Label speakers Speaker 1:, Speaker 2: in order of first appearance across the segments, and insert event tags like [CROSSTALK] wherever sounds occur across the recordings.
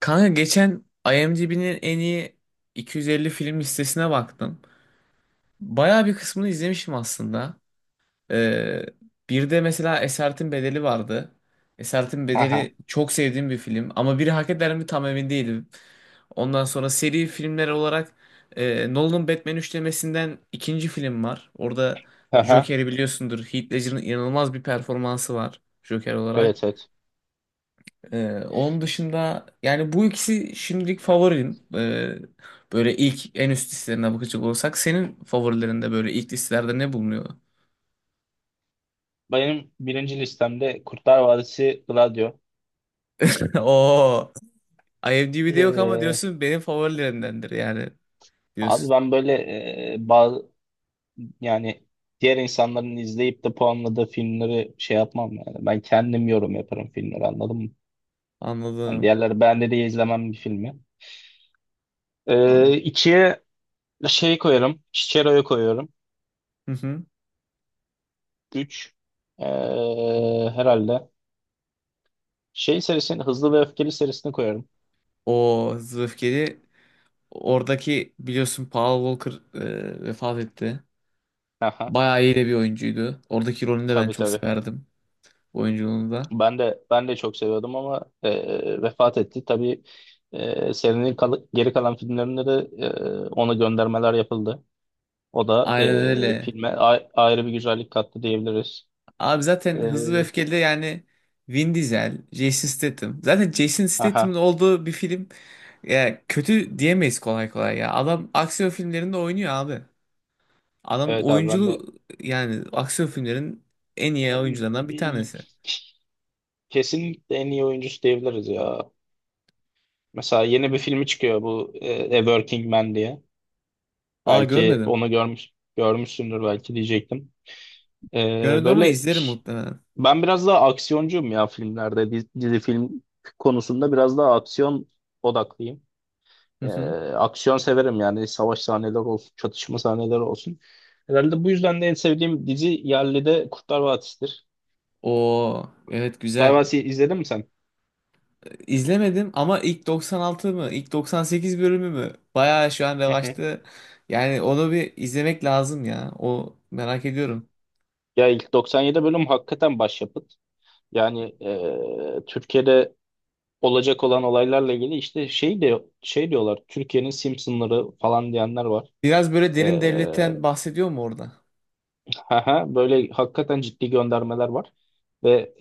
Speaker 1: Kanka geçen IMDb'nin en iyi 250 film listesine baktım. Bayağı bir kısmını izlemişim aslında. Ee, Bir de mesela Esaretin Bedeli vardı. Esaretin
Speaker 2: Aha,
Speaker 1: Bedeli çok sevdiğim bir film ama biri hak eder mi tam emin değilim. Ondan sonra seri filmler olarak Nolan'ın Batman üçlemesinden ikinci film var. Orada
Speaker 2: aha.
Speaker 1: Joker'i biliyorsundur. Heath Ledger'ın inanılmaz bir performansı var Joker olarak.
Speaker 2: Evet, evet.
Speaker 1: Onun dışında yani bu ikisi şimdilik favorim. Böyle ilk en üst listelerine bakacak olursak senin favorilerinde böyle ilk listelerde ne bulunuyor?
Speaker 2: Benim birinci listemde Kurtlar Vadisi Gladio.
Speaker 1: [LAUGHS] Oo, IMDb'de yok ama
Speaker 2: Ee,
Speaker 1: diyorsun benim favorilerimdendir yani
Speaker 2: Abi
Speaker 1: diyorsun.
Speaker 2: ben böyle bazı, yani diğer insanların izleyip de puanladığı filmleri şey yapmam yani. Ben kendim yorum yaparım filmleri, anladın mı? Hani
Speaker 1: Anladım.
Speaker 2: diğerleri beğendi diye izlemem bir filmi.
Speaker 1: Anladım.
Speaker 2: İkiye şey koyarım. Chichero'yu koyuyorum.
Speaker 1: Hı hı.
Speaker 2: Üç. Ee, Herhalde. Şey serisini, Hızlı ve Öfkeli serisini koyarım.
Speaker 1: O Hızlı ve Öfkeli, oradaki biliyorsun Paul Walker vefat etti.
Speaker 2: Aha.
Speaker 1: Bayağı iyi de bir oyuncuydu. Oradaki rolünü de ben
Speaker 2: Tabii,
Speaker 1: çok
Speaker 2: tabii.
Speaker 1: severdim, oyunculuğunu da.
Speaker 2: Ben de çok seviyordum ama vefat etti. Tabii, serinin geri kalan filmlerinde de ona göndermeler yapıldı. O da
Speaker 1: Aynen öyle.
Speaker 2: filme ayrı bir güzellik kattı diyebiliriz.
Speaker 1: Abi
Speaker 2: E,
Speaker 1: zaten Hızlı ve Öfkeli yani Vin Diesel, Jason Statham. Zaten Jason Statham'ın
Speaker 2: aha,
Speaker 1: olduğu bir film ya kötü diyemeyiz kolay kolay ya. Adam aksiyon filmlerinde oynuyor abi. Adam
Speaker 2: evet abi ben de
Speaker 1: oyunculuğu yani aksiyon filmlerin en iyi oyuncularından bir
Speaker 2: e,
Speaker 1: tanesi.
Speaker 2: kesinlikle en iyi oyuncusu diyebiliriz ya. Mesela yeni bir filmi çıkıyor, bu A Working Man diye.
Speaker 1: Aa
Speaker 2: Belki
Speaker 1: görmedim.
Speaker 2: onu görmüşsündür belki diyecektim. E,
Speaker 1: Görmedim ama
Speaker 2: böyle
Speaker 1: izlerim muhtemelen.
Speaker 2: Ben biraz daha aksiyoncuyum ya filmlerde. Dizi film konusunda biraz daha aksiyon odaklıyım.
Speaker 1: Hı
Speaker 2: Ee,
Speaker 1: hı.
Speaker 2: Aksiyon severim yani, savaş sahneleri olsun, çatışma sahneleri olsun. Herhalde bu yüzden de en sevdiğim dizi yerli de Kurtlar Vadisi'dir.
Speaker 1: Oo evet,
Speaker 2: Kurtlar
Speaker 1: güzel.
Speaker 2: Vadisi izledin mi sen?
Speaker 1: İzlemedim ama ilk 96 mı? İlk 98 bölümü mü? Bayağı şu an
Speaker 2: Hı hı.
Speaker 1: revaçta. Yani onu bir izlemek lazım ya. O merak ediyorum.
Speaker 2: Ya ilk 97 bölüm hakikaten başyapıt. Yani Türkiye'de olacak olan olaylarla ilgili işte şey de şey diyorlar. Türkiye'nin Simpsonları falan diyenler var.
Speaker 1: Biraz böyle derin devletten
Speaker 2: Ee,
Speaker 1: bahsediyor mu orada?
Speaker 2: Aha, böyle hakikaten ciddi göndermeler var. Ve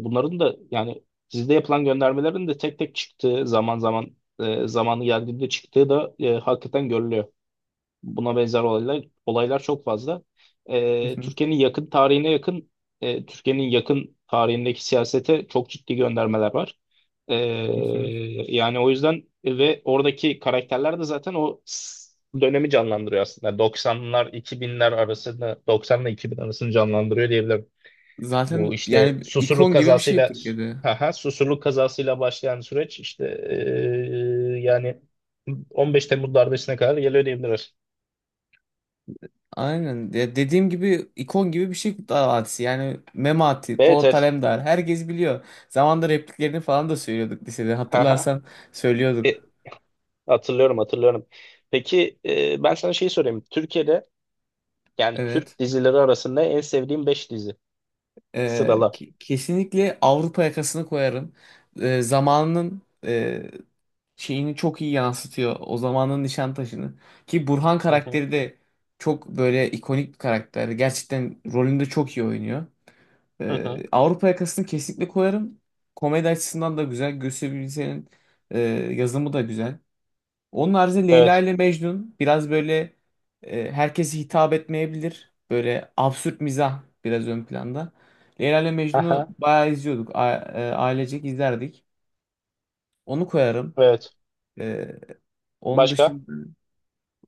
Speaker 2: bunların da yani sizde yapılan göndermelerin de tek tek çıktığı, zaman zaman zamanı geldiğinde çıktığı da hakikaten görülüyor. Buna benzer olaylar çok fazla.
Speaker 1: [LAUGHS] Hı hı,
Speaker 2: Türkiye'nin yakın Türkiye'nin yakın tarihindeki siyasete çok ciddi göndermeler var.
Speaker 1: hı
Speaker 2: Ee,
Speaker 1: hı.
Speaker 2: Yani o yüzden, ve oradaki karakterler de zaten dönemi canlandırıyor aslında. 90'la 2000 arasını canlandırıyor diyebilirim. Bu
Speaker 1: Zaten
Speaker 2: işte
Speaker 1: yani ikon gibi bir şey Türkiye'de.
Speaker 2: Susurluk kazasıyla başlayan süreç, işte yani 15 Temmuz darbesine kadar geliyor diyebiliriz.
Speaker 1: Aynen. Ya dediğim gibi ikon gibi bir şey Kurtlar Vadisi. Yani Memati,
Speaker 2: Evet,
Speaker 1: Polat
Speaker 2: evet.
Speaker 1: Alemdar herkes biliyor. Zamanında repliklerini falan da söylüyorduk lisede.
Speaker 2: Haha.
Speaker 1: Hatırlarsan söylüyorduk.
Speaker 2: E, Hatırlıyorum, hatırlıyorum. Peki, ben sana şey sorayım. Türkiye'de, yani
Speaker 1: Evet.
Speaker 2: Türk dizileri arasında en sevdiğim 5 dizi. Sırala.
Speaker 1: Kesinlikle Avrupa yakasını koyarım. Zamanının şeyini çok iyi yansıtıyor. O zamanın Nişantaşı'nı. Ki Burhan
Speaker 2: Hı hı.
Speaker 1: karakteri de çok böyle ikonik bir karakter. Gerçekten rolünde çok iyi oynuyor.
Speaker 2: Hı hı.
Speaker 1: Avrupa yakasını kesinlikle koyarım. Komedi açısından da güzel. Gösterebilirsenin e, yazımı da güzel. Onun haricinde Leyla
Speaker 2: Evet.
Speaker 1: ile Mecnun biraz böyle herkese hitap etmeyebilir. Böyle absürt mizah biraz ön planda. Leyla ile
Speaker 2: Haha.
Speaker 1: Mecnun'u bayağı izliyorduk. Ailecek izlerdik. Onu koyarım.
Speaker 2: Evet.
Speaker 1: E, Onun
Speaker 2: Başka?
Speaker 1: dışında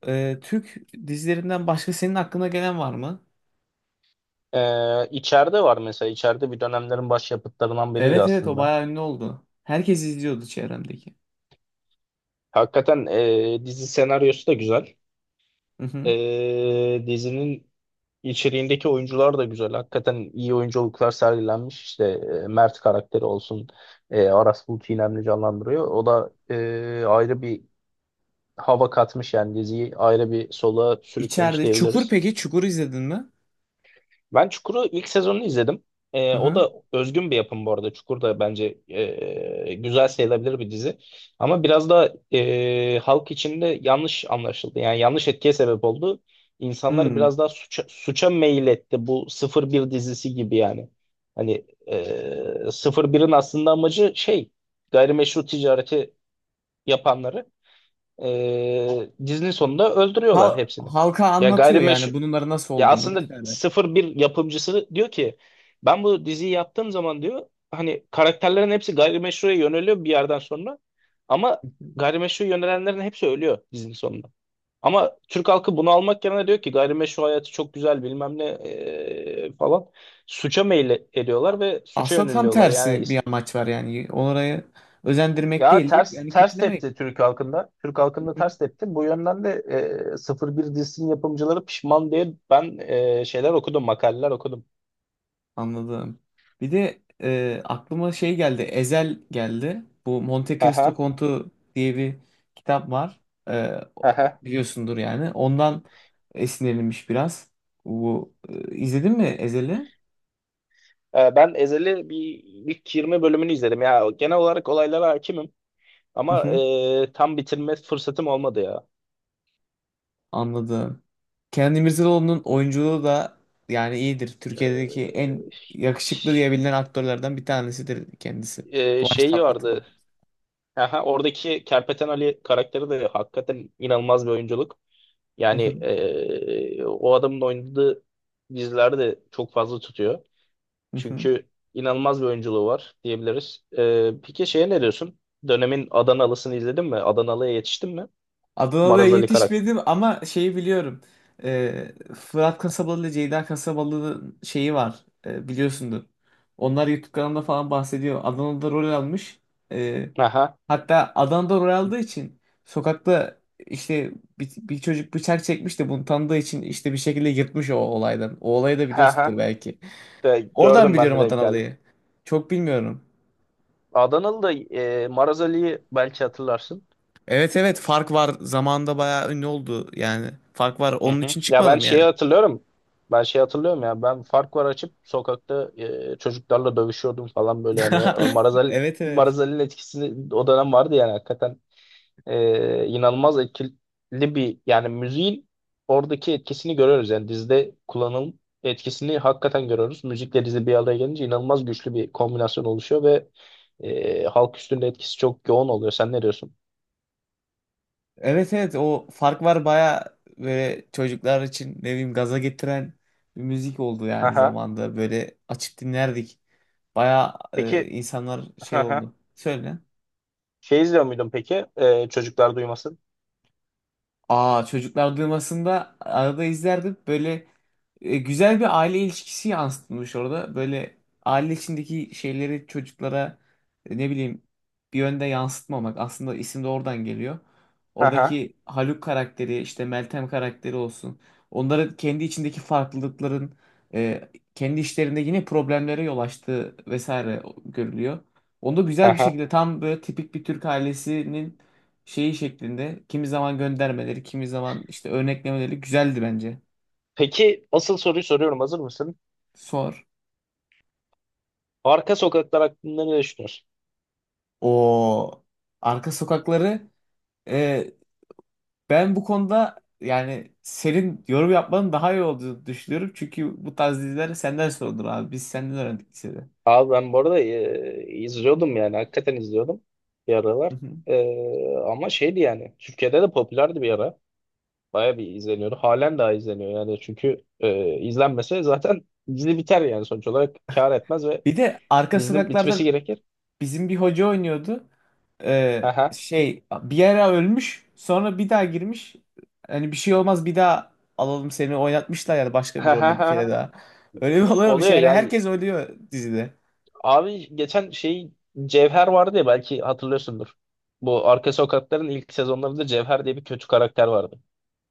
Speaker 1: Türk dizilerinden başka senin aklına gelen var mı?
Speaker 2: İçeride var mesela. İçeride bir dönemlerin başyapıtlarından biriydi
Speaker 1: Evet evet, o
Speaker 2: aslında.
Speaker 1: bayağı ünlü oldu. Herkes izliyordu çevremdeki.
Speaker 2: Hakikaten dizi senaryosu da güzel.
Speaker 1: Hı hı.
Speaker 2: E, dizinin İçeriğindeki oyuncular da güzel. Hakikaten iyi oyunculuklar sergilenmiş. İşte Mert karakteri olsun. Aras Bulut İynemli canlandırıyor. O da ayrı bir hava katmış, yani diziyi ayrı bir sola sürüklemiş
Speaker 1: İçeride. Çukur
Speaker 2: diyebiliriz.
Speaker 1: peki? Çukur izledin mi?
Speaker 2: Ben Çukur'u, ilk sezonunu izledim.
Speaker 1: Hı
Speaker 2: O
Speaker 1: hı.
Speaker 2: da özgün bir yapım bu arada. Çukur da bence güzel sayılabilir bir dizi. Ama biraz da halk içinde yanlış anlaşıldı. Yani yanlış etkiye sebep oldu. İnsanlar
Speaker 1: Hmm.
Speaker 2: biraz daha suça meyil etti. Bu 01 dizisi gibi yani. Hani 01'in aslında amacı şey, gayrimeşru ticareti yapanları dizinin sonunda öldürüyorlar
Speaker 1: Hal-
Speaker 2: hepsini.
Speaker 1: halka
Speaker 2: Ya
Speaker 1: anlatıyor yani
Speaker 2: gayrimeşru
Speaker 1: bunların nasıl
Speaker 2: ya
Speaker 1: olduğunu
Speaker 2: aslında
Speaker 1: vesaire.
Speaker 2: 01 yapımcısı diyor ki, ben bu diziyi yaptığım zaman diyor, hani karakterlerin hepsi gayrimeşruya yöneliyor bir yerden sonra, ama gayrimeşru yönelenlerin hepsi ölüyor dizinin sonunda. Ama Türk halkı bunu almak yerine diyor ki gayrimeşru hayatı çok güzel bilmem ne falan, suça meyil ediyorlar ve suça
Speaker 1: Aslında tam
Speaker 2: yöneliyorlar.
Speaker 1: tersi bir amaç var yani. Orayı özendirmek
Speaker 2: Ya
Speaker 1: değil de yani
Speaker 2: ters
Speaker 1: kötülemek.
Speaker 2: tepti Türk halkında. Türk halkında
Speaker 1: Hı hı.
Speaker 2: ters tepti. Bu yönden de 01 dizisinin yapımcıları pişman diye ben şeyler okudum, makaleler okudum.
Speaker 1: Anladım. Bir de aklıma şey geldi. Ezel geldi. Bu Monte Cristo
Speaker 2: Aha,
Speaker 1: Kontu diye bir kitap var.
Speaker 2: aha.
Speaker 1: Biliyorsundur yani. Ondan esinlenilmiş biraz. Bu izledin mi Ezel'i?
Speaker 2: Ben Ezel'i bir, ilk 20 bölümünü izledim ya. Genel olarak olaylara hakimim, ama
Speaker 1: [LAUGHS]
Speaker 2: tam bitirme fırsatım olmadı ya.
Speaker 1: Anladım. Kenan İmirzalıoğlu'nun oyunculuğu da yani iyidir. Türkiye'deki en yakışıklı
Speaker 2: Ş-
Speaker 1: diyebilinen aktörlerden bir tanesidir kendisi. Kıvanç
Speaker 2: Şeyi
Speaker 1: Tatlıtuğ.
Speaker 2: vardı. Aha, oradaki Kerpeten Ali karakteri de hakikaten inanılmaz bir oyunculuk. Yani o adamın oynadığı diziler de çok fazla tutuyor.
Speaker 1: [LAUGHS]
Speaker 2: Çünkü inanılmaz bir oyunculuğu var diyebiliriz. E, peki şeye ne diyorsun? Dönemin Adanalısını izledin mi? Adanalı'ya yetiştin mi?
Speaker 1: Adana'da
Speaker 2: Maraz Ali karakter.
Speaker 1: yetişmedim ama şeyi biliyorum. Fırat Kasabalı ile Ceyda Kasabalı'nın şeyi var. Biliyorsundur. Onlar YouTube kanalında falan bahsediyor. Adana'da rol almış. Ee,
Speaker 2: Aha.
Speaker 1: Hatta Adana'da rol aldığı için sokakta işte bir çocuk bıçak çekmiş de bunu tanıdığı için işte bir şekilde yırtmış o olaydan. O olayı da
Speaker 2: [LAUGHS]
Speaker 1: biliyorsundur belki.
Speaker 2: De,
Speaker 1: Oradan
Speaker 2: gördüm, ben
Speaker 1: biliyorum
Speaker 2: de denk geldim.
Speaker 1: Adanalı'yı. Çok bilmiyorum.
Speaker 2: Adanalı da Maraz Ali'yi belki hatırlarsın.
Speaker 1: Evet evet, fark var. Zamanında bayağı ünlü oldu yani. Fark var.
Speaker 2: Hı
Speaker 1: Onun
Speaker 2: hı.
Speaker 1: için
Speaker 2: Ya ben
Speaker 1: çıkmadım yani.
Speaker 2: şeyi hatırlıyorum. Ben şeyi hatırlıyorum ya. Ben fark var açıp sokakta çocuklarla dövüşüyordum falan, böyle hani Maraz
Speaker 1: [LAUGHS]
Speaker 2: Ali,
Speaker 1: Evet evet.
Speaker 2: Maraz Ali'nin etkisini o dönem vardı yani, hakikaten inanılmaz etkili bir yani müziğin oradaki etkisini görüyoruz, yani dizide kullanım etkisini hakikaten görüyoruz. Müzikle dizi bir araya gelince inanılmaz güçlü bir kombinasyon oluşuyor ve halk üstünde etkisi çok yoğun oluyor. Sen ne diyorsun?
Speaker 1: Evet evet, o fark var, baya böyle çocuklar için ne bileyim gaza getiren bir müzik oldu yani
Speaker 2: Aha.
Speaker 1: zamanda. Böyle açıp dinlerdik. Baya
Speaker 2: Peki,
Speaker 1: insanlar şey
Speaker 2: aha.
Speaker 1: oldu. Söyle.
Speaker 2: Şey izliyor muydun peki? Çocuklar duymasın.
Speaker 1: Aa, çocuklar duymasında arada izlerdim. Böyle güzel bir aile ilişkisi yansıtılmış orada. Böyle aile içindeki şeyleri çocuklara ne bileyim bir yönde yansıtmamak. Aslında isim de oradan geliyor.
Speaker 2: Aha.
Speaker 1: Oradaki Haluk karakteri işte, Meltem karakteri olsun. Onların kendi içindeki farklılıkların e, kendi işlerinde yine problemlere yol açtığı vesaire görülüyor. Onda güzel bir
Speaker 2: Aha.
Speaker 1: şekilde tam böyle tipik bir Türk ailesinin şeyi şeklinde kimi zaman göndermeleri, kimi zaman işte örneklemeleri güzeldi bence.
Speaker 2: Peki, asıl soruyu soruyorum. Hazır mısın?
Speaker 1: Sor.
Speaker 2: Arka sokaklar hakkında ne düşünüyorsun?
Speaker 1: O arka sokakları e, ben bu konuda yani senin yorum yapmanın daha iyi olduğunu düşünüyorum. Çünkü bu tarz diziler senden sorulur abi. Biz senden öğrendik lisede.
Speaker 2: Abi, ben bu arada izliyordum yani. Hakikaten izliyordum bir aralar.
Speaker 1: Hı hı.
Speaker 2: Ama şeydi yani. Türkiye'de de popülerdi bir ara. Baya bir izleniyordu. Halen daha izleniyor yani. Çünkü izlenmese zaten dizi biter yani, sonuç olarak. Kar etmez ve
Speaker 1: Bir de arka
Speaker 2: dizinin bitmesi
Speaker 1: sokaklarda
Speaker 2: gerekir.
Speaker 1: bizim bir hoca oynuyordu. Ee,
Speaker 2: Aha.
Speaker 1: Şey bir ara ölmüş sonra bir daha girmiş. Hani bir şey olmaz, bir daha alalım seni, oynatmışlar yani başka bir rolde bir kere
Speaker 2: [LAUGHS]
Speaker 1: daha. Öyle bir olay olmuş
Speaker 2: Oluyor
Speaker 1: yani,
Speaker 2: ya.
Speaker 1: herkes ölüyor dizide.
Speaker 2: Abi geçen şey, Cevher vardı ya, belki hatırlıyorsundur. Bu Arka Sokaklar'ın ilk sezonlarında Cevher diye bir kötü karakter vardı.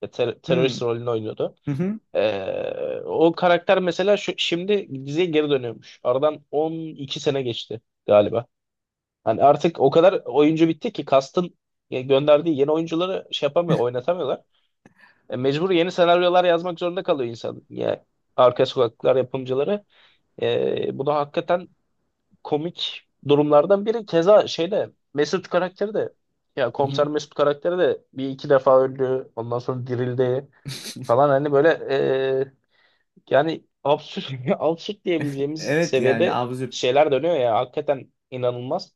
Speaker 2: Ya
Speaker 1: Hmm.
Speaker 2: terörist rolünü oynuyordu.
Speaker 1: Hı hı.
Speaker 2: O karakter mesela şimdi diziye geri dönüyormuş. Aradan 12 sene geçti galiba. Hani artık o kadar oyuncu bitti ki kastın ya gönderdiği yeni oyuncuları şey yapamıyor, oynatamıyorlar. Mecbur yeni senaryolar yazmak zorunda kalıyor insan. Yani Arka Sokaklar yapımcıları. Bunu hakikaten komik durumlardan biri. Keza şeyde Mesut karakteri de, ya
Speaker 1: Hı hı.
Speaker 2: komiser Mesut karakteri de bir iki defa öldü. Ondan sonra dirildi
Speaker 1: [LAUGHS]
Speaker 2: falan, hani böyle e, yani absürt [LAUGHS] absürt diyebileceğimiz
Speaker 1: Evet, yani
Speaker 2: seviyede
Speaker 1: absürt.
Speaker 2: şeyler dönüyor ya, hakikaten inanılmaz.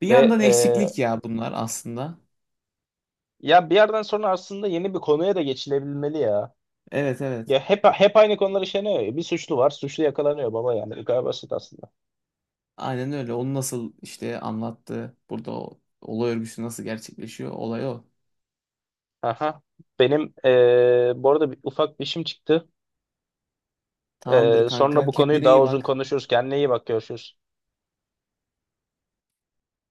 Speaker 1: Bir
Speaker 2: Ve
Speaker 1: yandan eksiklik ya bunlar aslında.
Speaker 2: ya bir yerden sonra aslında yeni bir konuya da geçilebilmeli ya.
Speaker 1: Evet evet.
Speaker 2: Ya hep aynı konular işleniyor ya. Bir suçlu var, suçlu yakalanıyor baba yani. Bu kadar basit aslında.
Speaker 1: Aynen öyle. Onu nasıl işte anlattı. Burada o olay örgüsü nasıl gerçekleşiyor? Olay o.
Speaker 2: Aha. Benim bu arada ufak bir işim çıktı.
Speaker 1: Tamamdır
Speaker 2: Sonra
Speaker 1: kanka.
Speaker 2: bu konuyu
Speaker 1: Kendine
Speaker 2: daha
Speaker 1: iyi
Speaker 2: uzun
Speaker 1: bak.
Speaker 2: konuşuruz. Kendine iyi bak, görüşürüz.